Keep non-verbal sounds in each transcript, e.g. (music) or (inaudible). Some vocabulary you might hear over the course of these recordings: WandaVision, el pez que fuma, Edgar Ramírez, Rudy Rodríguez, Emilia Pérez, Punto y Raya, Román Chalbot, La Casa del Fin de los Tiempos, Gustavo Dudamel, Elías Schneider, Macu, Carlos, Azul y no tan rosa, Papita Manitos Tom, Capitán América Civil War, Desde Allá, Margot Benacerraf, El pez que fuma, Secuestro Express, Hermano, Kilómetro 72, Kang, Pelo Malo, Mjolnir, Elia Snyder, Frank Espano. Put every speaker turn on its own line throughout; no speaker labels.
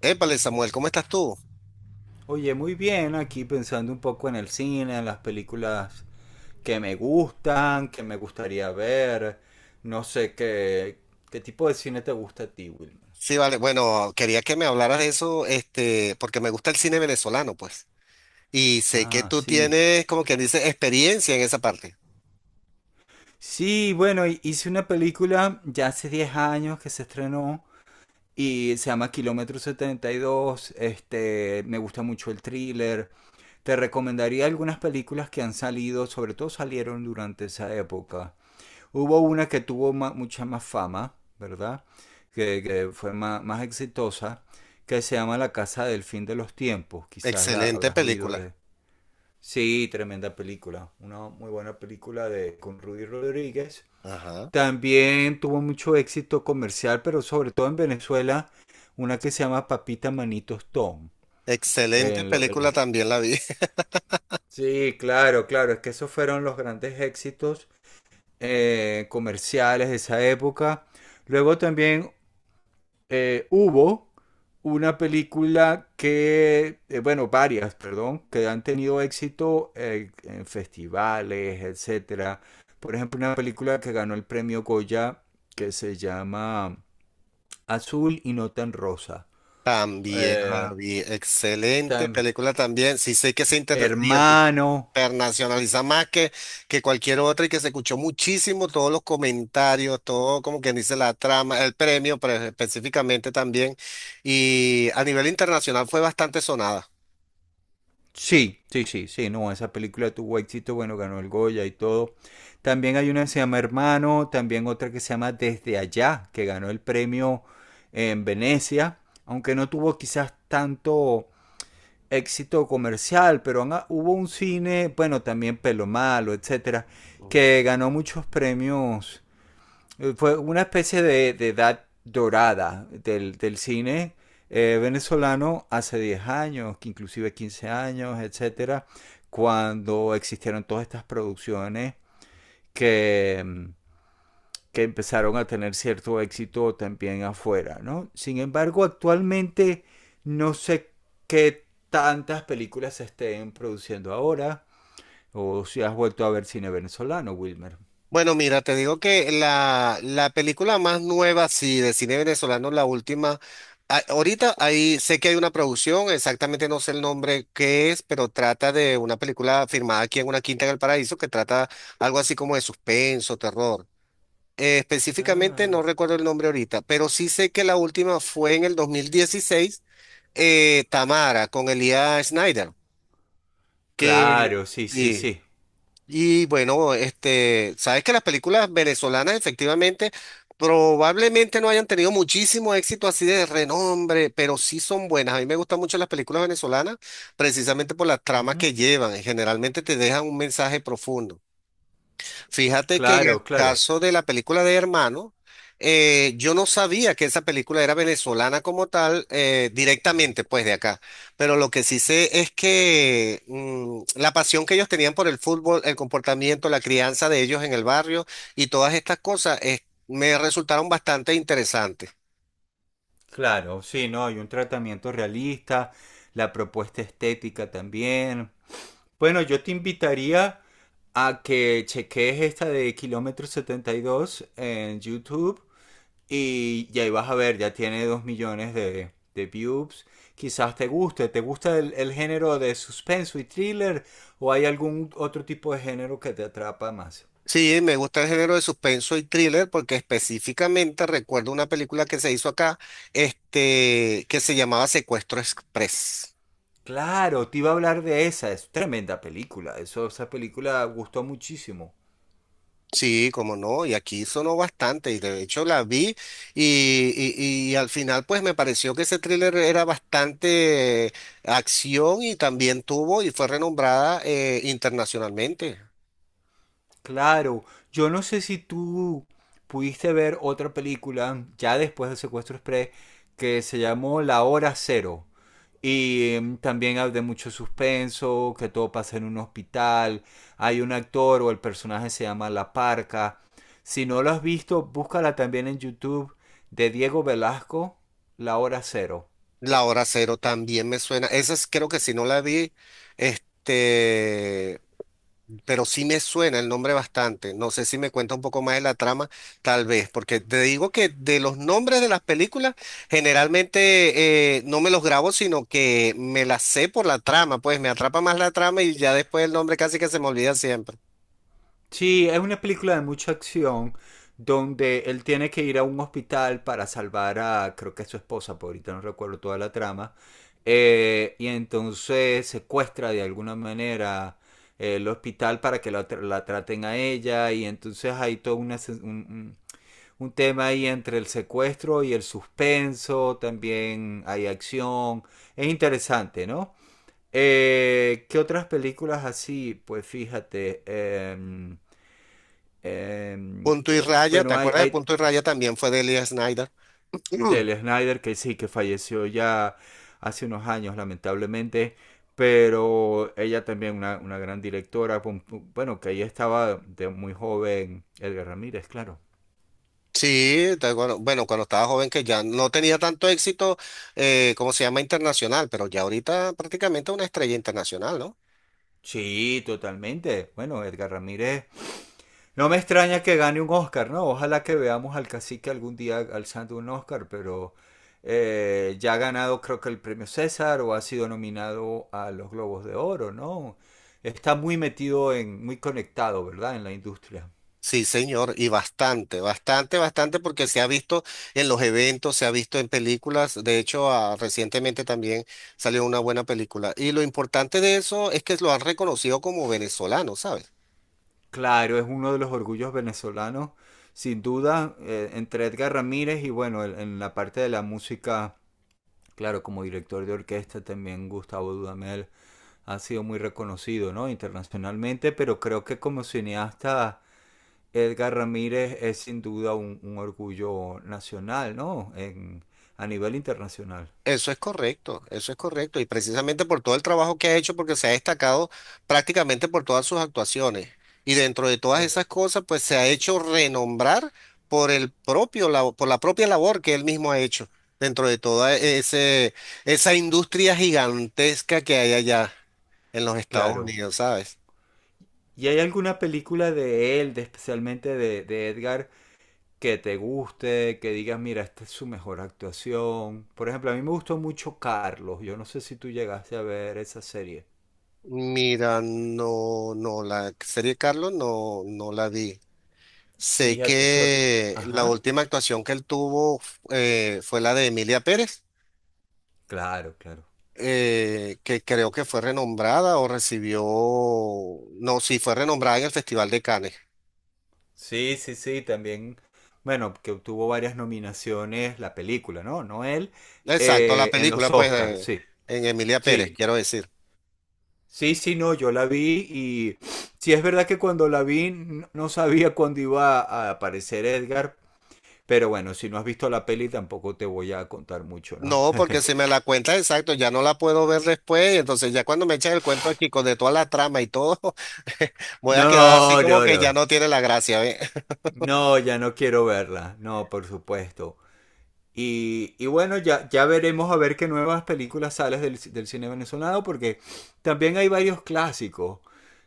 Épale, Samuel, ¿cómo estás tú?
Oye, muy bien, aquí pensando un poco en el cine, en las películas que me gustan, que me gustaría ver. No sé qué, ¿Qué tipo de cine te gusta a ti, Wilmer?
Sí, vale. Bueno, quería que me hablaras de eso, porque me gusta el cine venezolano, pues. Y sé que
Ah,
tú
sí.
tienes, como quien dice, experiencia en esa parte.
Sí, bueno, hice una película ya hace 10 años que se estrenó y se llama Kilómetro 72. Me gusta mucho el thriller. Te recomendaría algunas películas que han salido, sobre todo salieron durante esa época. Hubo una que tuvo mucha más fama, ¿verdad? Que fue más exitosa, que se llama La Casa del Fin de los Tiempos. Quizás la
Excelente
habrás oído
película.
de... Sí, tremenda película. Una muy buena película de, con Rudy Rodríguez.
Ajá.
También tuvo mucho éxito comercial, pero sobre todo en Venezuela, una que se llama Papita Manitos Tom.
Excelente
En lo- en
película
lo-
también la vi. (laughs)
Sí, claro, claro, es que esos fueron los grandes éxitos comerciales de esa época. Luego también hubo una película que, bueno, varias, perdón, que han tenido éxito en festivales, etcétera. Por ejemplo, una película que ganó el premio Goya que se llama Azul y no tan rosa.
También
Eh,
la vi. Excelente
también.
película también. Sí, sé que se inter...
Hermano,
internacionaliza más que cualquier otra y que se escuchó muchísimo todos los comentarios, todo como quien dice la trama, el premio pero específicamente también y a nivel internacional fue bastante sonada.
sí, sí, sí, sí, no, esa película tuvo éxito, bueno, ganó el Goya y todo. También hay una que se llama Hermano, también otra que se llama Desde Allá, que ganó el premio en Venecia, aunque no tuvo quizás tanto éxito comercial, pero hubo un cine, bueno, también Pelo Malo, etcétera,
Ujú.
que ganó muchos premios. Fue una especie de edad dorada del cine venezolano hace 10 años, que inclusive 15 años, etcétera, cuando existieron todas estas producciones que, mm, que empezaron a tener cierto éxito también afuera, ¿no? Sin embargo, actualmente no sé qué tantas películas se estén produciendo ahora o si has vuelto a ver cine venezolano, Wilmer.
Bueno, mira, te digo que la película más nueva, sí, de cine venezolano, la última, ahorita ahí sé que hay una producción, exactamente no sé el nombre que es, pero trata de una película firmada aquí en una quinta en el paraíso que trata algo así como de suspenso, terror. Específicamente
Ah,
no recuerdo el nombre ahorita, pero sí sé que la última fue en el 2016, Tamara con Elías Schneider, que
claro, sí, sí,
y,
sí.
y bueno, sabes que las películas venezolanas efectivamente probablemente no hayan tenido muchísimo éxito así de renombre, pero sí son buenas. A mí me gustan mucho las películas venezolanas precisamente por la trama que llevan, y generalmente te dejan un mensaje profundo. Fíjate que en el
Claro, claro,
caso de la película de Hermano, yo no sabía que esa película era venezolana como tal, directamente pues de acá, pero lo que sí sé es que mm, la pasión que ellos tenían por el fútbol, el comportamiento, la crianza de ellos en el barrio y todas estas cosas, me resultaron bastante interesantes.
claro, sí, no, hay un tratamiento realista, la propuesta estética también. Bueno, yo te invitaría a que cheques esta de Kilómetro 72 en YouTube y ahí vas a ver, ya tiene 2 millones de views. Quizás te guste. ¿Te gusta el género de suspenso y thriller o hay algún otro tipo de género que te atrapa más?
Sí, me gusta el género de suspenso y thriller porque específicamente recuerdo una película que se hizo acá, que se llamaba Secuestro Express.
Claro, te iba a hablar de esa, es tremenda película, eso, esa película gustó muchísimo.
Sí, como no, y aquí sonó bastante, y de hecho la vi, y, y al final pues me pareció que ese thriller era bastante, acción y también tuvo y fue renombrada internacionalmente.
Claro, yo no sé si tú pudiste ver otra película ya después del Secuestro Express que se llamó La Hora Cero, y también hay de mucho suspenso, que todo pasa en un hospital, hay un actor o el personaje se llama La Parca. Si no lo has visto, búscala también en YouTube de Diego Velasco, La Hora Cero.
La Hora Cero también me suena, creo que si no la vi, este, pero sí me suena el nombre bastante. No sé si me cuenta un poco más de la trama, tal vez, porque te digo que de los nombres de las películas, generalmente, no me los grabo, sino que me las sé por la trama, pues me atrapa más la trama y ya después el nombre casi que se me olvida siempre.
Sí, es una película de mucha acción donde él tiene que ir a un hospital para salvar a, creo que es su esposa, por ahorita no recuerdo toda la trama, y entonces secuestra de alguna manera el hospital para que la, la traten a ella, y entonces hay todo una un tema ahí entre el secuestro y el suspenso, también hay acción, es interesante, ¿no? ¿Qué otras películas así? Pues fíjate,
Punto y Raya, ¿te
bueno, hay,
acuerdas de
hay
Punto y Raya? También fue de Elia Snyder. Mm.
del
(clears throat)
Snider, que sí, que falleció ya hace unos años, lamentablemente, pero ella también una gran directora, bueno, que ahí estaba de muy joven Edgar Ramírez, claro.
Sí, te acuerdo. Bueno, cuando estaba joven que ya no tenía tanto éxito, ¿cómo se llama? Internacional, pero ya ahorita prácticamente una estrella internacional, ¿no?
Sí, totalmente. Bueno, Edgar Ramírez, no me extraña que gane un Oscar, ¿no? Ojalá que veamos al cacique algún día alzando un Oscar, pero ya ha ganado creo que el premio César o ha sido nominado a los Globos de Oro, ¿no? Está muy metido en, muy conectado, ¿verdad? En la industria.
Sí, señor, y bastante, bastante, bastante, porque se ha visto en los eventos, se ha visto en películas, de hecho, ah, recientemente también salió una buena película. Y lo importante de eso es que lo han reconocido como venezolano, ¿sabes?
Claro, es uno de los orgullos venezolanos, sin duda, entre Edgar Ramírez y bueno, en la parte de la música, claro, como director de orquesta también Gustavo Dudamel ha sido muy reconocido, ¿no? Internacionalmente, pero creo que como cineasta Edgar Ramírez es sin duda un orgullo nacional, ¿no? En, a nivel internacional.
Eso es correcto, eso es correcto. Y precisamente por todo el trabajo que ha hecho, porque se ha destacado prácticamente por todas sus actuaciones. Y dentro de todas
Es,
esas cosas, pues se ha hecho renombrar por el propio, por la propia labor que él mismo ha hecho dentro de esa industria gigantesca que hay allá en los Estados
claro.
Unidos, ¿sabes?
¿Y hay alguna película de él, de, especialmente de Edgar, que te guste, que digas, mira, esta es su mejor actuación? Por ejemplo, a mí me gustó mucho Carlos. Yo no sé si tú llegaste a ver esa serie.
Mira, no, no, la serie Carlos no, no la vi. Sé
Fíjate, su...
que la
Ajá.
última actuación que él tuvo fue la de Emilia Pérez,
Claro, claro.
que creo que fue renombrada o recibió, no, sí, fue renombrada en el Festival de Cannes.
Sí, sí, sí, también, bueno, que obtuvo varias nominaciones la película, ¿no? No él,
Exacto, la
en
película,
los
pues,
Oscars, sí,
en Emilia Pérez,
sí,
quiero decir.
sí, sí, no, yo la vi y sí es verdad que cuando la vi no sabía cuándo iba a aparecer Edgar, pero bueno, si no has visto la peli tampoco te voy a contar mucho, ¿no?
No,
(laughs)
porque si me la cuenta exacto, ya no la puedo ver después, y entonces ya cuando me echan el cuento aquí con de toda la trama y todo, (laughs) voy a quedar así
No,
como
no,
que ya
no,
no tiene la gracia.
no, ya no quiero verla, no, por supuesto. Y bueno, ya, ya veremos a ver qué nuevas películas salen del, del cine venezolano, porque también hay varios clásicos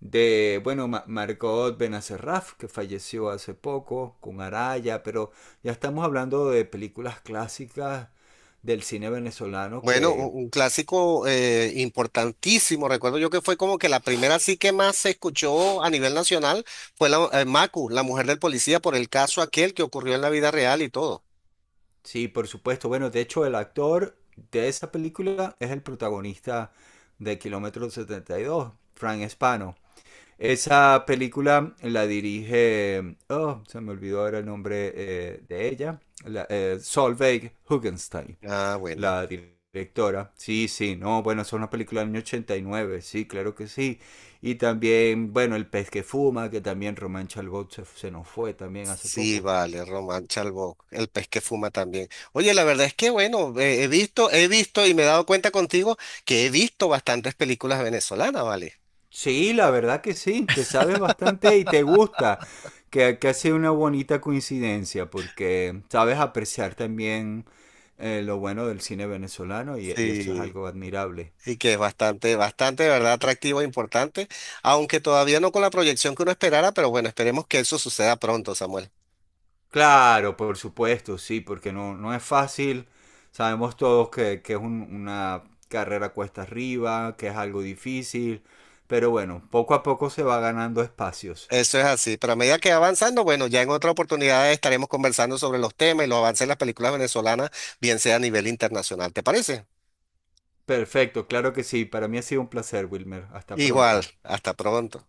de, bueno, Margot Benacerraf, que falleció hace poco, con Araya, pero ya estamos hablando de películas clásicas del cine venezolano
Bueno, un
que,
un clásico importantísimo. Recuerdo yo que fue como que la primera sí que más se escuchó a nivel nacional fue la Macu, la mujer del policía, por el caso aquel que ocurrió en la vida real y todo.
sí, por supuesto, bueno, de hecho el actor de esa película es el protagonista de Kilómetro 72, Frank Espano. Esa película la dirige, oh, se me olvidó ahora el nombre de ella, la, Solveig Hugenstein,
Ah, bueno.
la directora. Sí, sí, no, bueno, es una película del año 89, sí, claro que sí. Y también, bueno, El pez que fuma, que también Román Chalbot se nos fue también hace
Sí,
poco.
vale, Román Chalbó, el pez que fuma también. Oye, la verdad es que bueno, he visto y me he dado cuenta contigo que he visto bastantes películas venezolanas, ¿vale?
Sí, la verdad que sí, que sabes bastante y te gusta, que ha sido una bonita coincidencia, porque sabes apreciar también lo bueno del cine venezolano y eso es
Sí.
algo admirable.
Y que es bastante, bastante, de verdad, atractivo e importante, aunque todavía no con la proyección que uno esperara, pero bueno, esperemos que eso suceda pronto, Samuel.
Claro, por supuesto, sí, porque no, no es fácil. Sabemos todos que es una carrera cuesta arriba, que es algo difícil, pero bueno, poco a poco se va ganando espacios.
Eso es así, pero a medida que va avanzando, bueno, ya en otra oportunidad estaremos conversando sobre los temas y los avances de las películas venezolanas, bien sea a nivel internacional, ¿te parece?
Perfecto, claro que sí. Para mí ha sido un placer, Wilmer. Hasta
Igual,
pronto.
hasta pronto.